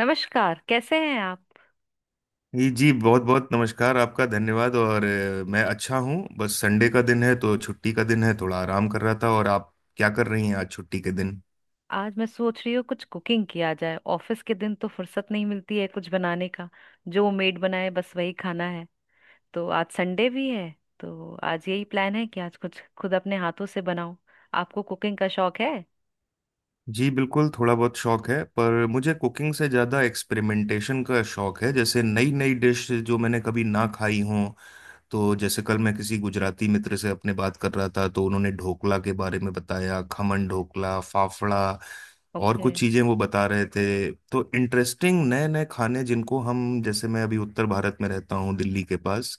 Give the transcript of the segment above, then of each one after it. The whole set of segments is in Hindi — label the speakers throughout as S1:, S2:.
S1: नमस्कार, कैसे हैं आप।
S2: जी जी, बहुत बहुत नमस्कार आपका। धन्यवाद। और मैं अच्छा हूँ। बस संडे का दिन है तो छुट्टी का दिन है, थोड़ा आराम कर रहा था। और आप क्या कर रही हैं आज छुट्टी के दिन?
S1: आज मैं सोच रही हूँ कुछ कुकिंग किया जाए। ऑफिस के दिन तो फुर्सत नहीं मिलती है कुछ बनाने का, जो मेड बनाए बस वही खाना है। तो आज संडे भी है, तो आज यही प्लान है कि आज कुछ खुद अपने हाथों से बनाऊं। आपको कुकिंग का शौक है।
S2: जी बिल्कुल, थोड़ा बहुत शौक है, पर मुझे कुकिंग से ज़्यादा एक्सपेरिमेंटेशन का शौक है। जैसे नई नई डिश जो मैंने कभी ना खाई हों। तो जैसे कल मैं किसी गुजराती मित्र से अपने बात कर रहा था तो उन्होंने ढोकला के बारे में बताया, खमन ढोकला, फाफड़ा और
S1: ओके।
S2: कुछ चीजें वो बता रहे थे। तो इंटरेस्टिंग नए नए खाने, जिनको हम, जैसे मैं अभी उत्तर भारत में रहता हूँ, दिल्ली के पास।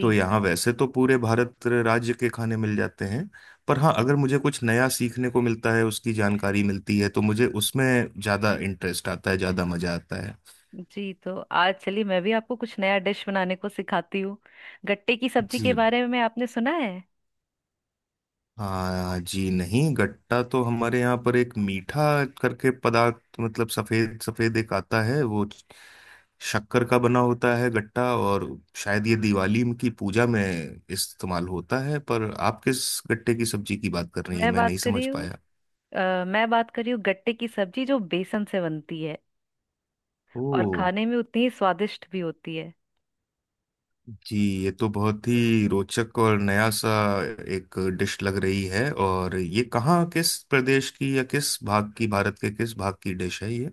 S2: तो यहाँ वैसे तो पूरे भारत राज्य के खाने मिल जाते हैं, पर हाँ, अगर मुझे कुछ नया सीखने को मिलता है, उसकी जानकारी मिलती है, तो मुझे उसमें ज्यादा इंटरेस्ट आता है, ज्यादा मजा आता है।
S1: जी, तो आज चलिए मैं भी आपको कुछ नया डिश बनाने को सिखाती हूँ। गट्टे की सब्जी के
S2: जी।
S1: बारे में आपने सुना है।
S2: हाँ जी, नहीं, गट्टा तो हमारे यहाँ पर एक मीठा करके पदार्थ, मतलब सफेद सफेद एक आता है, वो शक्कर का बना होता है, गट्टा। और शायद ये दिवाली की पूजा में इस्तेमाल होता है। पर आप किस गट्टे की सब्जी की बात कर रही हैं,
S1: मैं
S2: मैं
S1: बात
S2: नहीं
S1: कर रही
S2: समझ
S1: हूँ,
S2: पाया।
S1: मैं बात कर रही हूँ गट्टे की सब्जी जो बेसन से बनती है
S2: ओ।
S1: और खाने में उतनी ही स्वादिष्ट भी होती है।
S2: जी, ये तो बहुत ही रोचक और नया सा एक डिश लग रही है। और ये कहाँ, किस प्रदेश की, या किस भाग की, भारत के किस भाग की डिश है ये?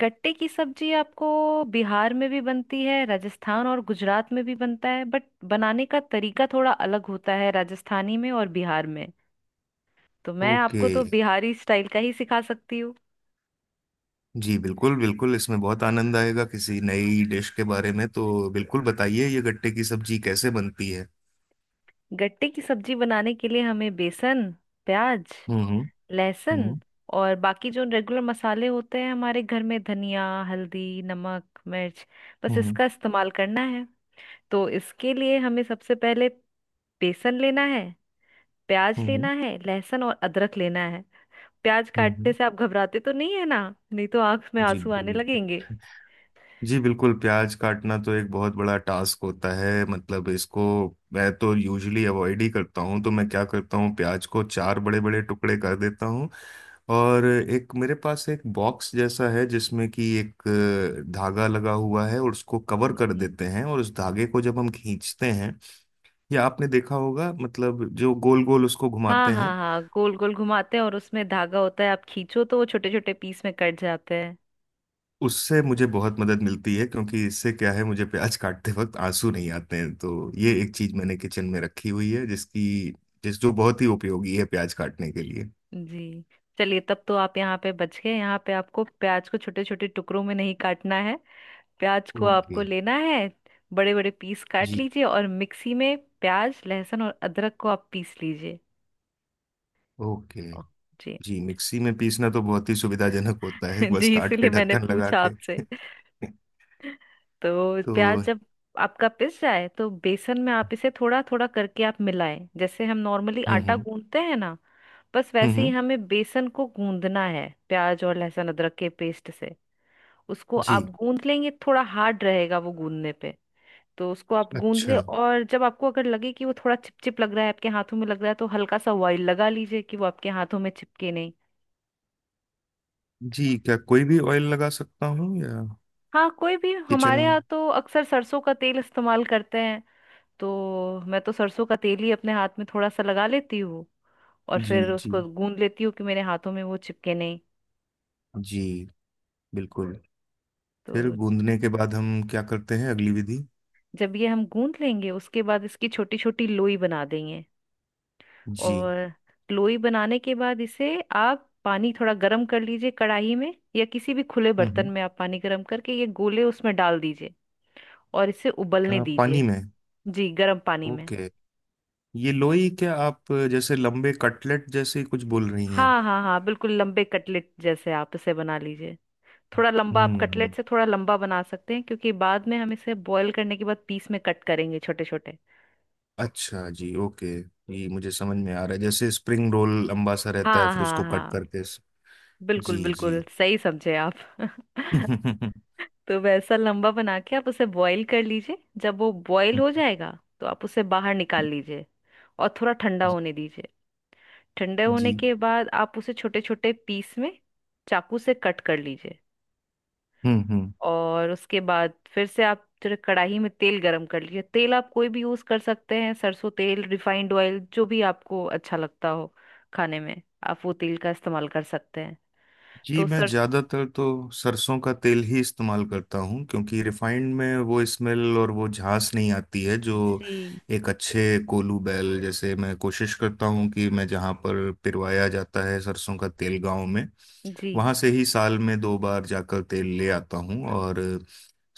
S1: गट्टे की सब्जी आपको बिहार में भी बनती है, राजस्थान और गुजरात में भी बनता है, बट बनाने का तरीका थोड़ा अलग होता है राजस्थानी में और बिहार में। तो मैं
S2: ओके।
S1: आपको तो बिहारी स्टाइल का ही सिखा सकती हूँ।
S2: जी बिल्कुल बिल्कुल, इसमें बहुत आनंद आएगा किसी नई डिश के बारे में। तो बिल्कुल बताइए, ये गट्टे की सब्जी कैसे बनती है?
S1: गट्टे की सब्जी बनाने के लिए हमें बेसन, प्याज,
S2: हम्म।
S1: लहसुन,
S2: हम्म।
S1: और बाकी जो रेगुलर मसाले होते हैं हमारे घर में, धनिया, हल्दी, नमक, मिर्च, बस
S2: हम्म।
S1: इसका इस्तेमाल करना है। तो इसके लिए हमें सबसे पहले बेसन लेना है, प्याज
S2: हम्म। हम्म।
S1: लेना है, लहसुन और अदरक लेना है। प्याज
S2: हम्म। हम्म।
S1: काटने से आप घबराते तो नहीं है ना, नहीं तो आंख में
S2: जी
S1: आंसू आने लगेंगे।
S2: बिल्कुल। जी बिल्कुल, प्याज काटना तो एक बहुत बड़ा टास्क होता है। मतलब इसको मैं तो यूजुअली अवॉइड ही करता हूँ। तो मैं क्या करता हूँ, प्याज को चार बड़े बड़े टुकड़े कर देता हूँ। और एक मेरे पास एक बॉक्स जैसा है जिसमें कि एक धागा लगा हुआ है, और उसको कवर कर
S1: जी।
S2: देते हैं, और उस धागे को जब हम खींचते हैं, या आपने देखा होगा, मतलब जो गोल गोल उसको
S1: हाँ
S2: घुमाते
S1: हाँ
S2: हैं।
S1: हाँ, गोल गोल घुमाते हैं और उसमें धागा होता है, आप खींचो तो वो छोटे छोटे पीस में कट जाते हैं।
S2: उससे मुझे बहुत मदद मिलती है, क्योंकि इससे क्या है, मुझे प्याज काटते वक्त आंसू नहीं आते हैं। तो ये एक चीज मैंने किचन में रखी हुई है जिसकी जिस जो बहुत ही उपयोगी है प्याज काटने के लिए।
S1: जी, चलिए तब तो आप यहाँ पे बच गए, यहाँ पे आपको प्याज को छोटे छोटे टुकड़ों में नहीं काटना है। प्याज को
S2: ओके।
S1: आपको लेना है, बड़े बड़े पीस काट
S2: जी।
S1: लीजिए और मिक्सी में प्याज, लहसुन और अदरक को आप पीस लीजिए।
S2: ओके।
S1: ओ, जी।
S2: जी, मिक्सी में पीसना तो बहुत ही सुविधाजनक होता है, बस
S1: जी,
S2: काट के
S1: इसीलिए मैंने
S2: ढक्कन लगा
S1: पूछा
S2: के
S1: आपसे। तो
S2: तो
S1: प्याज
S2: हम्म।
S1: जब आपका पिस जाए तो बेसन में आप इसे थोड़ा थोड़ा करके आप मिलाएं, जैसे हम नॉर्मली आटा
S2: हम्म।
S1: गूंदते हैं ना, बस
S2: हम्म।
S1: वैसे ही
S2: हम्म।
S1: हमें बेसन को गूंदना है प्याज और लहसुन अदरक के पेस्ट से। उसको
S2: जी।
S1: आप गूंद लेंगे, थोड़ा हार्ड रहेगा वो गूंदने पे। तो उसको आप गूंद ले,
S2: अच्छा।
S1: और जब आपको अगर लगे कि वो थोड़ा चिपचिप लग रहा है, आपके हाथों में लग रहा है, तो हल्का सा ऑयल लगा लीजिए कि वो आपके हाथों में चिपके नहीं।
S2: जी, क्या कोई भी ऑयल लगा सकता हूँ या?
S1: हाँ, कोई भी।
S2: किचन।
S1: हमारे यहाँ तो अक्सर सरसों का तेल इस्तेमाल करते हैं, तो मैं तो सरसों का तेल ही अपने हाथ में थोड़ा सा लगा लेती हूँ और
S2: जी
S1: फिर
S2: जी।
S1: उसको गूंद लेती हूँ कि मेरे हाथों में वो चिपके नहीं।
S2: जी। बिल्कुल।
S1: तो
S2: फिर गूंदने के बाद हम क्या करते हैं, अगली विधि?
S1: जब ये हम गूंद लेंगे उसके बाद इसकी छोटी छोटी लोई बना देंगे।
S2: जी।
S1: और लोई बनाने के बाद इसे आप पानी थोड़ा गर्म कर लीजिए कढ़ाई में या किसी भी खुले बर्तन
S2: हम्म।
S1: में, आप पानी गर्म करके ये गोले उसमें डाल दीजिए और इसे उबलने
S2: पानी
S1: दीजिए।
S2: में?
S1: जी, गर्म पानी में।
S2: ओके। ये लोई क्या आप जैसे लंबे कटलेट जैसे कुछ बोल रही हैं?
S1: हाँ हाँ हाँ, बिल्कुल लंबे कटलेट जैसे आप इसे बना लीजिए। थोड़ा लंबा, आप कटलेट
S2: हम्म।
S1: से थोड़ा लंबा बना सकते हैं क्योंकि बाद में हम इसे बॉईल करने के बाद पीस में कट करेंगे छोटे छोटे।
S2: अच्छा, जी, ओके। ये मुझे समझ में आ रहा है, जैसे स्प्रिंग रोल लंबा सा रहता है
S1: हाँ
S2: फिर
S1: हाँ
S2: उसको कट
S1: हाँ,
S2: करके।
S1: बिल्कुल
S2: जी जी।
S1: बिल्कुल, सही समझे आप। तो वैसा लंबा बना के आप उसे बॉईल कर लीजिए। जब वो बॉईल हो जाएगा तो आप उसे बाहर निकाल लीजिए और थोड़ा ठंडा
S2: जी।
S1: होने दीजिए। ठंडे होने
S2: जी।
S1: के बाद आप उसे छोटे छोटे पीस में चाकू से कट कर लीजिए।
S2: हम्म।
S1: और उसके बाद फिर से आप फिर कढ़ाई में तेल गरम कर लीजिए। तेल आप कोई भी यूज कर सकते हैं, सरसों तेल, रिफाइंड ऑयल, जो भी आपको अच्छा लगता हो खाने में आप वो तेल का इस्तेमाल कर सकते हैं।
S2: जी,
S1: तो
S2: मैं
S1: सर।
S2: ज़्यादातर तो सरसों का तेल ही इस्तेमाल करता हूँ, क्योंकि रिफाइंड में वो स्मेल और वो झांस नहीं आती है जो
S1: जी
S2: एक अच्छे कोलू बैल, जैसे मैं कोशिश करता हूँ कि मैं जहाँ पर पिरवाया जाता है सरसों का तेल गाँव में,
S1: जी।
S2: वहां से ही साल में 2 बार जाकर तेल ले आता हूँ। और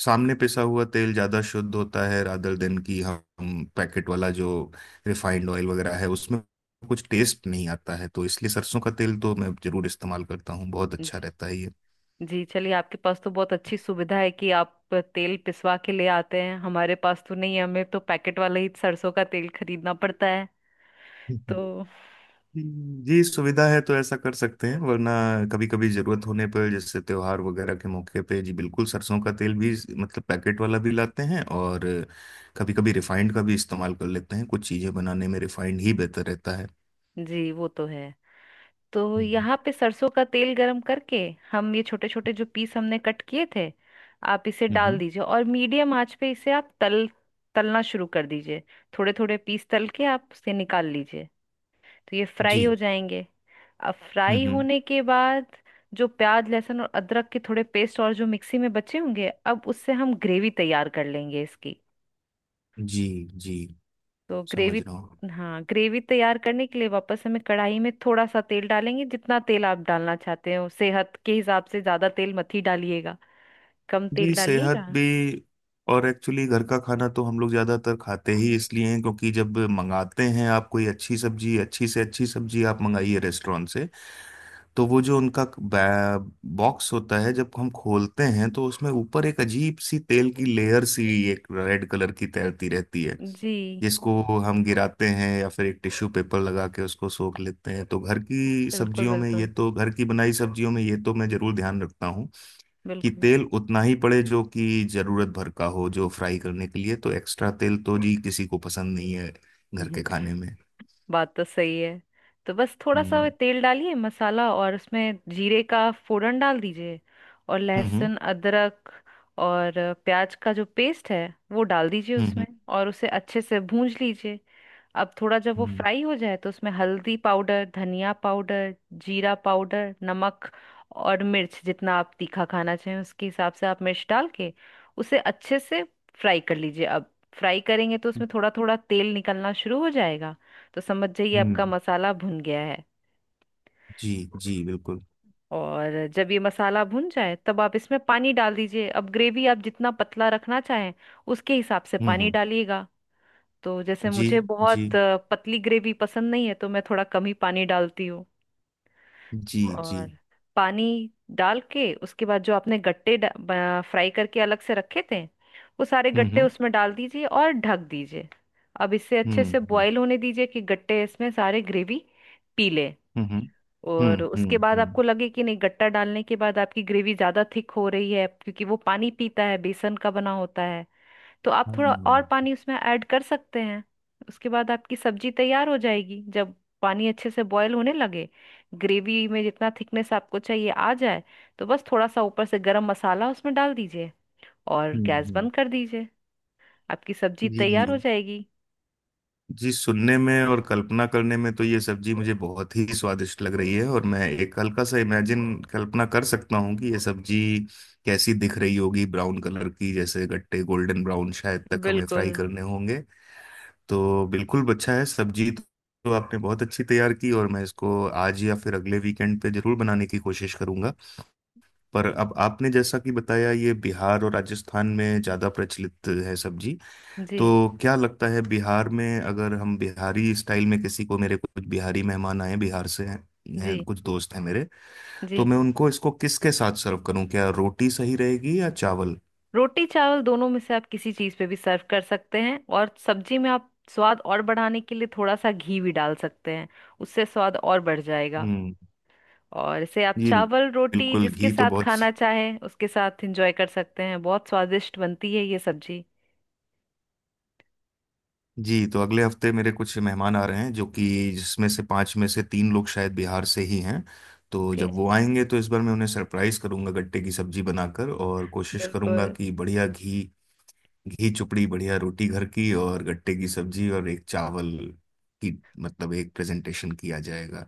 S2: सामने पिसा हुआ तेल ज्यादा शुद्ध होता है रादर देन की हम पैकेट वाला जो रिफाइंड ऑयल वगैरह है उसमें कुछ टेस्ट नहीं आता है। तो इसलिए सरसों का तेल तो मैं जरूर इस्तेमाल करता हूँ, बहुत अच्छा
S1: जी
S2: रहता है ये।
S1: जी, चलिए आपके पास तो बहुत अच्छी सुविधा है कि आप तेल पिसवा के ले आते हैं। हमारे पास तो नहीं है, हमें तो पैकेट वाला ही सरसों का तेल खरीदना पड़ता है। तो
S2: जी, सुविधा है तो ऐसा कर सकते हैं, वरना कभी कभी जरूरत होने पर, जैसे त्योहार वगैरह के मौके पे, जी बिल्कुल, सरसों का तेल भी, मतलब पैकेट वाला भी लाते हैं। और कभी कभी रिफाइंड का भी इस्तेमाल कर लेते हैं, कुछ चीजें बनाने में रिफाइंड ही बेहतर रहता है।
S1: जी, वो तो है। तो
S2: हम्म।
S1: यहाँ पे सरसों का तेल गरम करके हम ये छोटे छोटे जो पीस हमने कट किए थे, आप इसे डाल
S2: हम्म।
S1: दीजिए और मीडियम आंच पे इसे आप तल, तलना शुरू कर दीजिए। थोड़े थोड़े पीस तल के आप उसे निकाल लीजिए, तो ये
S2: जी।
S1: फ्राई हो जाएंगे। अब
S2: हम्म।
S1: फ्राई
S2: हम्म।
S1: होने के बाद जो प्याज लहसुन और अदरक के थोड़े पेस्ट और जो मिक्सी में बचे होंगे, अब उससे हम ग्रेवी तैयार कर लेंगे इसकी।
S2: जी। जी,
S1: तो
S2: समझ
S1: ग्रेवी,
S2: रहा हूँ।
S1: हाँ ग्रेवी तैयार करने के लिए वापस हमें कढ़ाई में थोड़ा सा तेल डालेंगे। जितना तेल आप डालना चाहते हो सेहत के हिसाब से, ज्यादा तेल मत ही डालिएगा, कम तेल
S2: जी सेहत
S1: डालिएगा।
S2: भी, और एक्चुअली घर का खाना तो हम लोग ज्यादातर खाते ही इसलिए हैं क्योंकि जब मंगाते हैं आप कोई अच्छी सब्जी, अच्छी से अच्छी सब्जी आप मंगाइए रेस्टोरेंट से, तो वो जो उनका बॉक्स होता है जब हम खोलते हैं तो उसमें ऊपर एक अजीब सी तेल की लेयर सी, एक रेड कलर की तैरती रहती है,
S1: जी
S2: जिसको हम गिराते हैं या फिर एक टिश्यू पेपर लगा के उसको सोख लेते हैं। तो
S1: बिल्कुल, बिल्कुल
S2: घर की बनाई सब्जियों में ये तो मैं जरूर ध्यान रखता हूँ कि
S1: बिल्कुल।
S2: तेल उतना ही पड़े जो कि जरूरत भर का हो, जो फ्राई करने के लिए। तो एक्स्ट्रा तेल तो जी किसी को पसंद नहीं है घर
S1: हम्म,
S2: के खाने में।
S1: बात तो सही है। तो बस थोड़ा सा वो
S2: हम्म।
S1: तेल डालिए, मसाला, और उसमें जीरे का फोड़न डाल दीजिए, और
S2: हम्म। हम्म।
S1: लहसुन, अदरक और प्याज का जो पेस्ट है वो डाल दीजिए
S2: हम्म।
S1: उसमें, और उसे अच्छे से भूंज लीजिए। अब थोड़ा जब वो
S2: हम्म।
S1: फ्राई हो जाए तो उसमें हल्दी पाउडर, धनिया पाउडर, जीरा पाउडर, नमक और मिर्च जितना आप तीखा खाना चाहें उसके हिसाब से आप मिर्च डाल के उसे अच्छे से फ्राई कर लीजिए। अब फ्राई करेंगे तो
S2: हम्म।
S1: उसमें थोड़ा थोड़ा तेल निकलना शुरू हो जाएगा, तो समझ जाइए आपका
S2: हम्म।
S1: मसाला भुन गया है।
S2: जी। जी बिल्कुल।
S1: और जब ये मसाला भुन जाए तब आप इसमें पानी डाल दीजिए। अब ग्रेवी आप जितना पतला रखना चाहें उसके हिसाब से पानी
S2: हम्म।
S1: डालिएगा। तो जैसे
S2: जी।
S1: मुझे
S2: जी।
S1: बहुत पतली ग्रेवी पसंद नहीं है, तो मैं थोड़ा कम ही पानी डालती हूँ।
S2: जी। जी।
S1: और पानी डाल के उसके बाद जो आपने गट्टे फ्राई करके अलग से रखे थे, वो सारे गट्टे
S2: हम्म।
S1: उसमें डाल दीजिए और ढक दीजिए। अब इसे अच्छे
S2: हम्म।
S1: से
S2: हम्म।
S1: बॉईल होने दीजिए कि गट्टे इसमें सारे ग्रेवी पी ले।
S2: हम्म।
S1: और
S2: हम्म।
S1: उसके बाद
S2: हम्म।
S1: आपको लगे कि नहीं, गट्टा डालने के बाद आपकी ग्रेवी ज़्यादा थिक हो रही है क्योंकि वो पानी पीता है, बेसन का बना होता है, तो आप थोड़ा
S2: हम्म।
S1: और
S2: हम्म।
S1: पानी उसमें ऐड कर सकते हैं। उसके बाद आपकी सब्जी तैयार हो जाएगी। जब पानी अच्छे से बॉयल होने लगे, ग्रेवी में जितना थिकनेस आपको चाहिए आ जाए, तो बस थोड़ा सा ऊपर से गरम मसाला उसमें डाल दीजिए और
S2: हम्म।
S1: गैस
S2: हम्म।
S1: बंद कर दीजिए। आपकी सब्जी तैयार हो
S2: जी।
S1: जाएगी।
S2: जी, सुनने में और कल्पना करने में तो ये सब्जी मुझे बहुत ही स्वादिष्ट लग रही है। और मैं एक हल्का सा इमेजिन, कल्पना कर सकता हूँ कि ये सब्जी कैसी दिख रही होगी, ब्राउन कलर की, जैसे गट्टे गोल्डन ब्राउन शायद तक हमें फ्राई
S1: बिल्कुल।
S2: करने होंगे। तो बिल्कुल अच्छा है सब्जी, तो आपने बहुत अच्छी तैयार की। और मैं इसको आज या फिर अगले वीकेंड पे जरूर बनाने की कोशिश करूंगा। पर अब आपने जैसा कि बताया, ये बिहार और राजस्थान में ज़्यादा प्रचलित है सब्जी,
S1: जी
S2: तो क्या लगता है, बिहार में अगर हम बिहारी स्टाइल में किसी को, मेरे कुछ बिहारी मेहमान आए, बिहार से हैं,
S1: जी
S2: कुछ दोस्त हैं मेरे,
S1: जी,
S2: तो मैं उनको इसको किसके साथ सर्व करूं? क्या रोटी सही रहेगी या चावल?
S1: रोटी चावल दोनों में से आप किसी चीज़ पे भी सर्व कर सकते हैं, और सब्जी में आप स्वाद और बढ़ाने के लिए थोड़ा सा घी भी डाल सकते हैं, उससे स्वाद और बढ़ जाएगा।
S2: हम्म।
S1: और इसे आप
S2: जी
S1: चावल रोटी
S2: बिल्कुल,
S1: जिसके
S2: घी तो
S1: साथ
S2: बहुत।
S1: खाना चाहें उसके साथ एंजॉय कर सकते हैं, बहुत स्वादिष्ट बनती है ये सब्जी।
S2: जी, तो अगले हफ्ते मेरे कुछ मेहमान आ रहे हैं, जो कि, जिसमें से 5 में से 3 लोग शायद बिहार से ही हैं। तो
S1: ओके।
S2: जब वो आएंगे तो इस बार मैं उन्हें सरप्राइज करूंगा गट्टे की सब्जी बनाकर, और कोशिश करूंगा
S1: बिल्कुल
S2: कि बढ़िया घी, घी चुपड़ी बढ़िया रोटी घर की, और गट्टे की सब्जी, और एक चावल की, मतलब एक प्रेजेंटेशन किया जाएगा।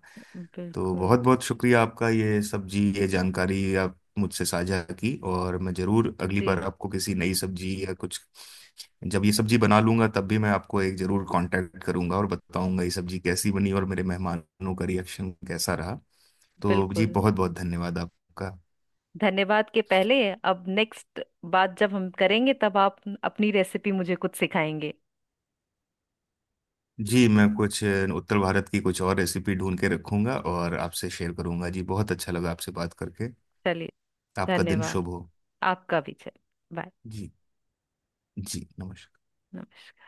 S2: तो
S1: बिल्कुल।
S2: बहुत बहुत शुक्रिया आपका, ये सब्जी, ये जानकारी आप मुझसे साझा की। और मैं जरूर अगली
S1: जी
S2: बार आपको किसी नई सब्जी या कुछ, जब ये सब्जी बना लूंगा तब भी मैं आपको एक जरूर कांटेक्ट करूंगा और बताऊंगा ये सब्जी कैसी बनी और मेरे मेहमानों का रिएक्शन कैसा रहा। तो जी
S1: बिल्कुल,
S2: बहुत बहुत धन्यवाद आपका।
S1: धन्यवाद के पहले, अब नेक्स्ट बात जब हम करेंगे तब आप अपनी रेसिपी मुझे कुछ सिखाएंगे।
S2: जी, मैं कुछ उत्तर भारत की कुछ और रेसिपी ढूंढ के रखूंगा और आपसे शेयर करूंगा। जी, बहुत अच्छा लगा आपसे बात करके।
S1: चलिए,
S2: आपका दिन
S1: धन्यवाद।
S2: शुभ हो।
S1: आपका भी। चलिए बाय।
S2: जी। जी नमस्कार।
S1: नमस्कार।